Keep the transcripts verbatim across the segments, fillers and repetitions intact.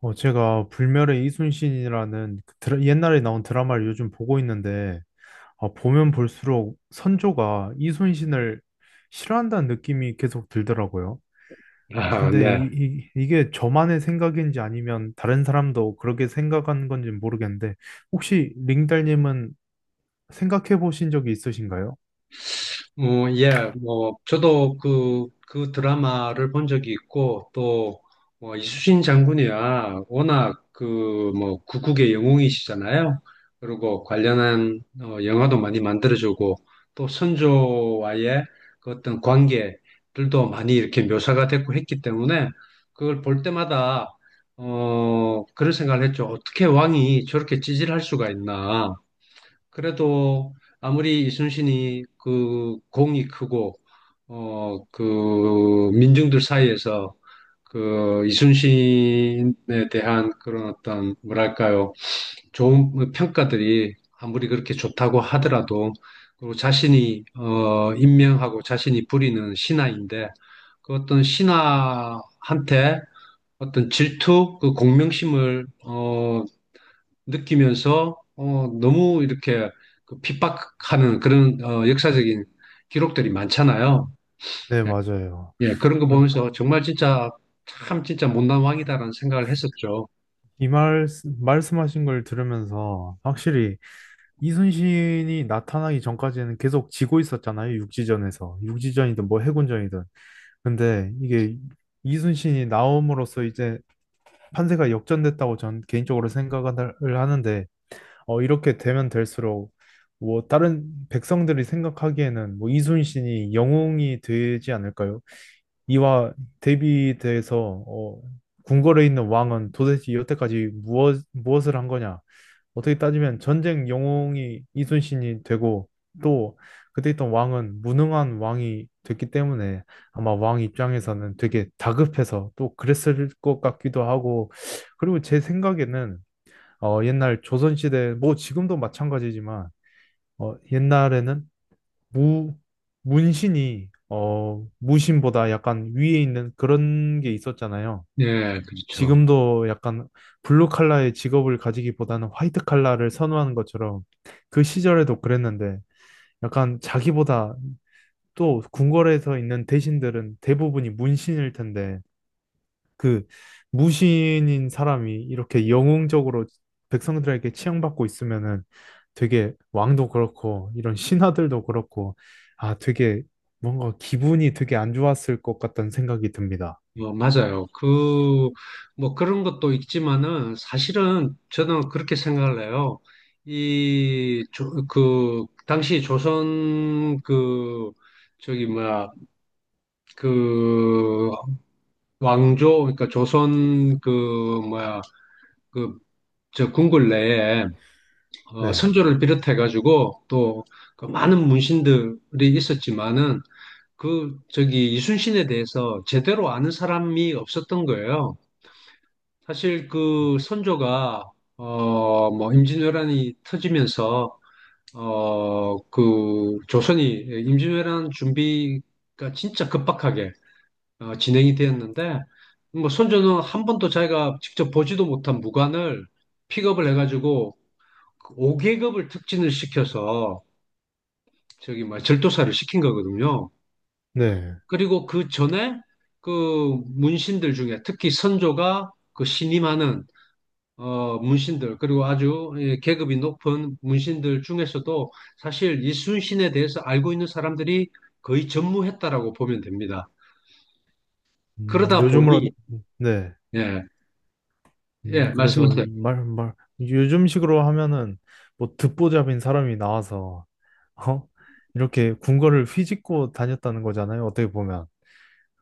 어, 제가 불멸의 이순신이라는 그 드라- 옛날에 나온 드라마를 요즘 보고 있는데, 아, 보면 볼수록 선조가 이순신을 싫어한다는 느낌이 계속 들더라고요. 어, 아, 근데 이, 네. 이, 이게 저만의 생각인지 아니면 다른 사람도 그렇게 생각하는 건지 모르겠는데, 혹시 링달님은 생각해 보신 적이 있으신가요? 뭐 예, 뭐, 저도 그, 그 드라마를 본 적이 있고, 또, 뭐, 이순신 장군이야, 워낙 그, 뭐, 구국의 영웅이시잖아요. 그리고 관련한 어, 영화도 많이 만들어주고, 또 선조와의 그 어떤 관계들도 많이 이렇게 묘사가 됐고 했기 때문에, 그걸 볼 때마다, 어, 그런 생각을 했죠. 어떻게 왕이 저렇게 찌질할 수가 있나. 그래도 아무리 이순신이 그 공이 크고 어 그 민중들 사이에서 그 이순신에 대한 그런 어떤 뭐랄까요, 좋은 평가들이 아무리 그렇게 좋다고 하더라도, 그리고 자신이 어 임명하고 자신이 부리는 신하인데 그 어떤 신하한테 어떤 질투, 그 공명심을 어 느끼면서, 어, 너무 이렇게 그 핍박하는 그런 어, 역사적인 기록들이 많잖아요. 네, 예, 맞아요. 예, 그런 거 그래- 보면서 정말 진짜 참 진짜 못난 왕이다라는 생각을 했었죠. 이 말, 말씀하신 걸 들으면서 확실히 이순신이 나타나기 전까지는 계속 지고 있었잖아요. 육지전에서. 육지전이든 뭐 해군전이든. 근데 이게 이순신이 나옴으로써 이제 판세가 역전됐다고 전 개인적으로 생각을 하는데, 어, 이렇게 되면 될수록 뭐 다른 백성들이 생각하기에는 뭐 이순신이 영웅이 되지 않을까요? 이와 대비돼서 어, 궁궐에 있는 왕은 도대체 여태까지 무엇, 무엇을 한 거냐? 어떻게 따지면 전쟁 영웅이 이순신이 되고 또 그때 있던 왕은 무능한 왕이 됐기 때문에 아마 왕 입장에서는 되게 다급해서 또 그랬을 것 같기도 하고 그리고 제 생각에는 어, 옛날 조선시대 뭐 지금도 마찬가지지만 어, 옛날에는 무 문신이 어, 무신보다 약간 위에 있는 그런 게 있었잖아요. 예, 그렇죠. 지금도 약간 블루 칼라의 직업을 가지기보다는 화이트 칼라를 선호하는 것처럼 그 시절에도 그랬는데 약간 자기보다 또 궁궐에서 있는 대신들은 대부분이 문신일 텐데 그 무신인 사람이 이렇게 영웅적으로 백성들에게 치양받고 있으면은 되게 왕도 그렇고 이런 신하들도 그렇고 아 되게 뭔가 기분이 되게 안 좋았을 것 같다는 생각이 듭니다. 어, 맞아요. 그, 뭐 그런 것도 있지만은 사실은 저는 그렇게 생각을 해요. 이, 조, 그, 당시 조선 그, 저기 뭐야, 그 왕조, 그러니까 조선 그 뭐야 그 저 궁궐 내에, 어, 네. 선조를 비롯해가지고 또그 많은 문신들이 있었지만은 그 저기 이순신에 대해서 제대로 아는 사람이 없었던 거예요. 사실 그 선조가 어 뭐 임진왜란이 터지면서 어 그 조선이 임진왜란 준비가 진짜 급박하게 어, 진행이 되었는데, 뭐 손주는 한 번도 자기가 직접 보지도 못한 무관을 픽업을 해가지고 오 계급을 특진을 시켜서 저기 뭐 절도사를 시킨 거거든요. 네. 그리고 그 전에 그 문신들 중에 특히 선조가 그 신임하는 어, 문신들, 그리고 아주 예, 계급이 높은 문신들 중에서도 사실 이순신에 대해서 알고 있는 사람들이 거의 전무했다라고 보면 됩니다. 음, 그러다 요즘으로. 보니 네. 예, 예, 음, 그래서 말씀하세요. 이 말, 말, 요즘식으로 하면은 뭐 듣보잡인 사람이 나와서, 어? 이렇게 군거를 휘짓고 다녔다는 거잖아요, 어떻게 보면.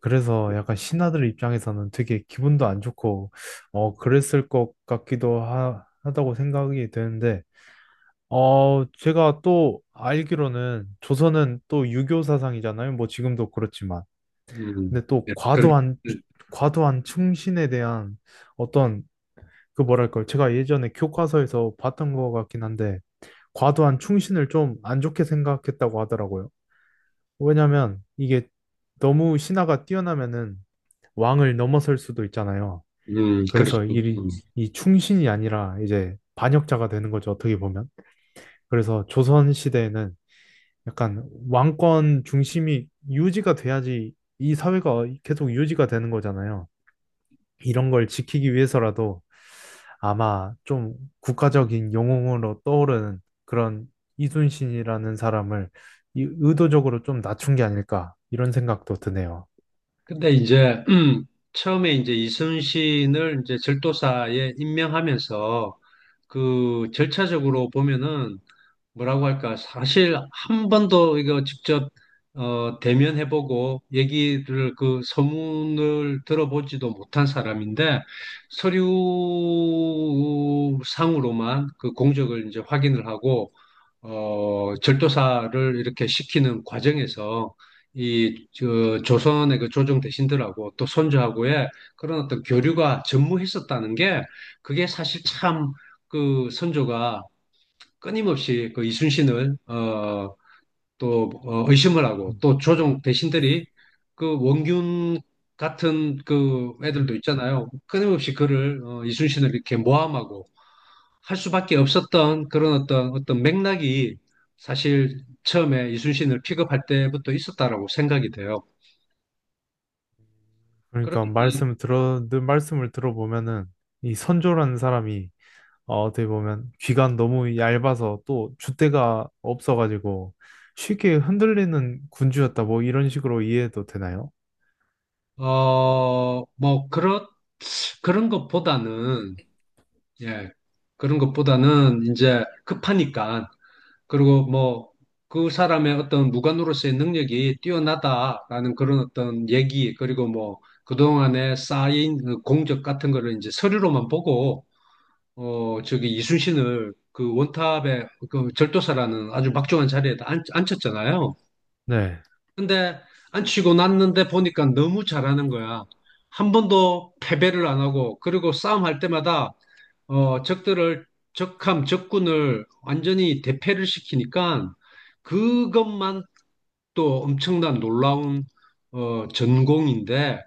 그래서 약간 신하들 입장에서는 되게 기분도 안 좋고, 어, 그랬을 것 같기도 하, 하다고 생각이 되는데, 어, 제가 또 알기로는 조선은 또 유교 사상이잖아요, 뭐 지금도 그렇지만. 음, 근데 또 네, 그렇, 과도한, 과도한 충신에 대한 어떤 그 뭐랄까요. 제가 예전에 교과서에서 봤던 것 같긴 한데, 과도한 충신을 좀 안 좋게 생각했다고 하더라고요. 왜냐면 이게 너무 신하가 뛰어나면은 왕을 넘어설 수도 있잖아요. 음, 그렇죠. 그래서 이, 음. 이 충신이 아니라 이제 반역자가 되는 거죠. 어떻게 보면. 그래서 조선 시대에는 약간 왕권 중심이 유지가 돼야지 이 사회가 계속 유지가 되는 거잖아요. 이런 걸 지키기 위해서라도 아마 좀 국가적인 영웅으로 떠오르는 그런 이순신이라는 사람을 이- 의도적으로 좀 낮춘 게 아닐까 이런 생각도 드네요. 근데 이제, 음, 처음에 이제 이순신을 이제 절도사에 임명하면서 그 절차적으로 보면은 뭐라고 할까? 사실 한 번도 이거 직접 어, 대면해보고 얘기를 그 소문을 들어보지도 못한 사람인데, 서류상으로만 그 공적을 이제 확인을 하고 어, 절도사를 이렇게 시키는 과정에서 이 저, 조선의 그 조정 대신들하고 또 선조하고의 그런 어떤 교류가 전무했었다는 게 그게 사실 참, 그 선조가 끊임없이 그 이순신을 어, 또 어, 의심을 하고, 또 조종 대신들이 그 원균 같은 그 애들도 있잖아요. 끊임없이 그를 어, 이순신을 이렇게 모함하고 할 수밖에 없었던 그런 어떤 어떤 맥락이 사실 처음에 이순신을 픽업할 때부터 있었다라고 생각이 돼요. 그러, 그러니까 말씀 들어 늘 말씀을 들어보면은 이 선조라는 사람이 어, 어떻게 보면 귀가 너무 얇아서 또 줏대가 없어가지고 쉽게 흔들리는 군주였다 뭐 이런 식으로 이해해도 되나요? 어, 뭐 그렇 그런 것보다는 예 그런 것보다는 이제 급하니까. 그리고 뭐 그 사람의 어떤 무관으로서의 능력이 뛰어나다라는 그런 어떤 얘기, 그리고 뭐 그동안에 쌓인 그 공적 같은 거를 이제 서류로만 보고, 어, 저기 이순신을 그 원탑의 그 절도사라는 아주 막중한 자리에다 앉, 앉혔잖아요. 네. 근데 앉히고 났는데 보니까 너무 잘하는 거야. 한 번도 패배를 안 하고, 그리고 싸움할 때마다 어, 적들을, 적함, 적군을 완전히 대패를 시키니까 그것만 또 엄청난 놀라운, 어, 전공인데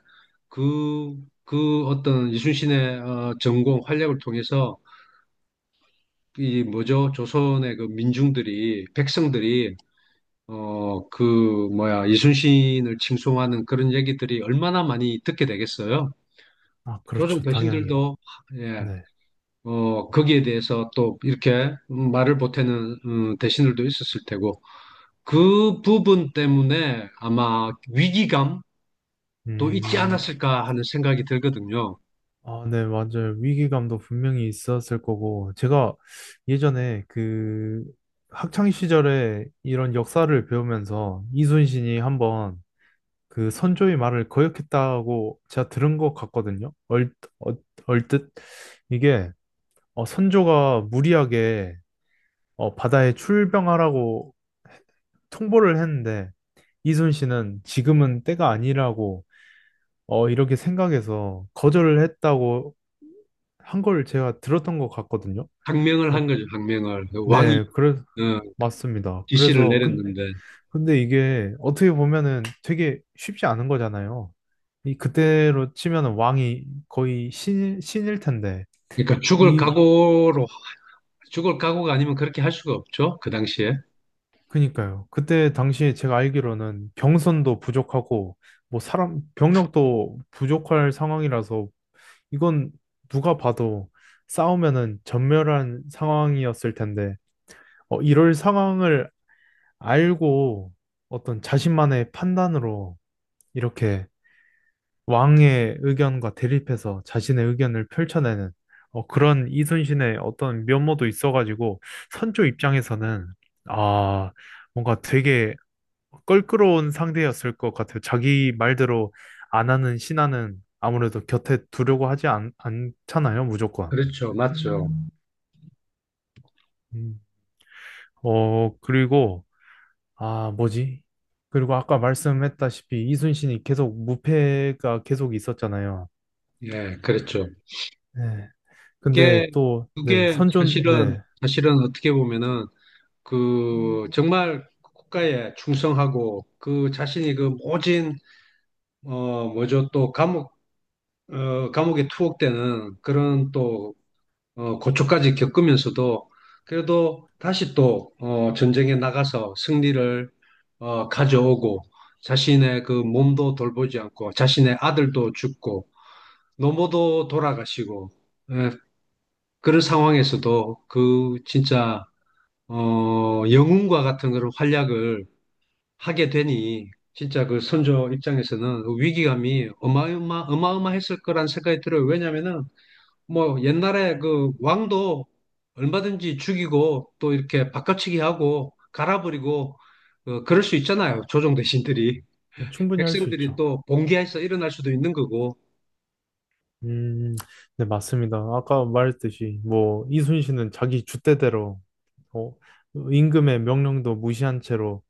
그, 그 어떤 이순신의 어, 전공 활약을 통해서 이 뭐죠? 조선의 그 민중들이, 백성들이, 어, 그 뭐야, 이순신을 칭송하는 그런 얘기들이 얼마나 많이 듣게 되겠어요? 아, 조선 그렇죠. 대 당연히. 배신들도 예, 네. 어, 거기에 대해서 또 이렇게 말을 보태는 음, 대신들도 있었을 테고 그 부분 때문에 아마 위기감도 있지 음. 않았을까 하는 생각이 들거든요. 아, 네, 맞아요. 위기감도 분명히 있었을 거고, 제가 예전에 그 학창 시절에 이런 역사를 배우면서 이순신이 한번 그 선조의 말을 거역했다고 제가 들은 것 같거든요. 얼, 얼, 얼뜻 이게 어, 선조가 무리하게 어, 바다에 출병하라고 통보를 했는데 이순신은 지금은 때가 아니라고 어, 이렇게 생각해서 거절을 했다고 한 걸 제가 들었던 것 같거든요. 항명을 어, 한 거죠, 항명을. 그 왕이 네, 그래, 어, 맞습니다. 지시를 그래서, 근, 내렸는데. 근데 이게 어떻게 보면은 되게 쉽지 않은 거잖아요. 이 그때로 치면은 왕이 거의 신, 신일 텐데, 그러니까 죽을 이, 각오로, 죽을 각오가 아니면 그렇게 할 수가 없죠, 그 당시에. 그니까요. 그때 당시에 제가 알기로는 병선도 부족하고, 뭐 사람, 병력도 부족할 상황이라서 이건 누가 봐도 싸우면은 전멸한 상황이었을 텐데, 어, 이럴 상황을 알고 어떤 자신만의 판단으로 이렇게 왕의 의견과 대립해서 자신의 의견을 펼쳐내는 어, 그런 이순신의 어떤 면모도 있어가지고 선조 입장에서는 아, 뭔가 되게 껄끄러운 상대였을 것 같아요. 자기 말대로 안 하는 신하는 아무래도 곁에 두려고 하지 않, 않잖아요, 무조건. 그렇죠, 맞죠. 음. 어, 그리고, 아, 뭐지? 그리고 아까 말씀했다시피 이순신이 계속 무패가 계속 있었잖아요. 예, 그렇죠. 네. 근데 그게, 또, 네, 그게 선전, 사실은, 네, 사실은 어떻게 보면은 그 정말 국가에 충성하고 그 자신이 그 모진 어 뭐죠 또 감옥 어 감옥에 투옥되는 그런 또 어, 고초까지 겪으면서도 그래도 다시 또 어, 전쟁에 나가서 승리를 어, 가져오고 자신의 그 몸도 돌보지 않고 자신의 아들도 죽고 노모도 돌아가시고, 예, 그런 상황에서도 그 진짜 어, 영웅과 같은 그런 활약을 하게 되니 진짜 그 선조 입장에서는 그 위기감이 어마어마 어마어마했을 거란 생각이 들어요. 왜냐면은 뭐 옛날에 그 왕도 얼마든지 죽이고 또 이렇게 바꿔치기 하고 갈아버리고 어, 그럴 수 있잖아요. 조정 대신들이, 네, 충분히 할 수 백성들이 있죠. 또 봉기해서 일어날 수도 있는 거고. 음, 네, 맞습니다. 아까 말했듯이, 뭐, 이순신은 자기 줏대대로, 어, 임금의 명령도 무시한 채로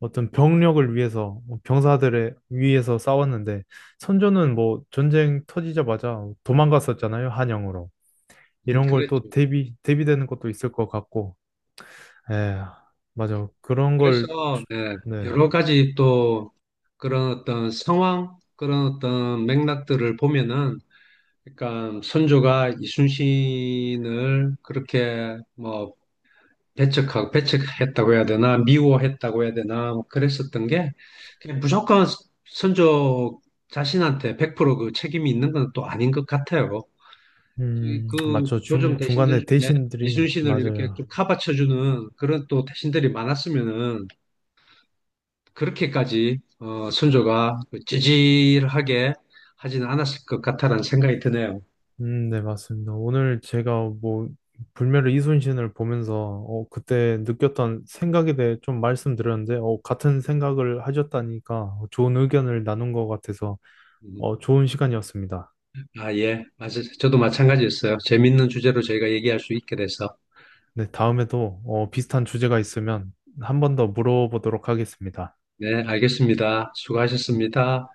어떤 병력을 위해서, 병사들의 위해서 싸웠는데, 선조는 뭐, 전쟁 터지자마자 도망갔었잖아요, 한양으로. 음, 이런 걸 또 그랬죠. 대비, 대비되는 것도 있을 것 같고, 에, 맞아. 그런 그래서 걸, 주- 네, 네. 여러 가지 또 그런 어떤 상황, 그런 어떤 맥락들을 보면은, 그러니까 선조가 이순신을 그렇게 뭐 배척하고, 배척했다고 해야 되나 미워했다고 해야 되나 뭐 그랬었던 게 그냥 무조건 선조 자신한테 백 퍼센트 그 책임이 있는 건 또 아닌 것 같아요. 음, 이그 맞죠. 조정 중, 중간에 대신들 중에 대신들이, 이순신을 이렇게 맞아요. 좀 카바쳐주는 그런 또 대신들이 많았으면은 그렇게까지 어, 선조가 그 찌질하게 하지는 않았을 것 같다라는 생각이 드네요. 음, 네, 맞습니다. 오늘 제가 뭐, 불멸의 이순신을 보면서, 어, 그때 느꼈던 생각에 대해 좀 말씀드렸는데, 어, 같은 생각을 하셨다니까 좋은 의견을 나눈 것 같아서, 음. 어, 좋은 시간이었습니다. 아, 예. 맞아요. 저도 마찬가지였어요. 재밌는 주제로 저희가 얘기할 수 있게 돼서. 네, 다음에도, 어, 비슷한 주제가 있으면 한 번 더 물어보도록 하겠습니다. 네. 네, 알겠습니다. 수고하셨습니다.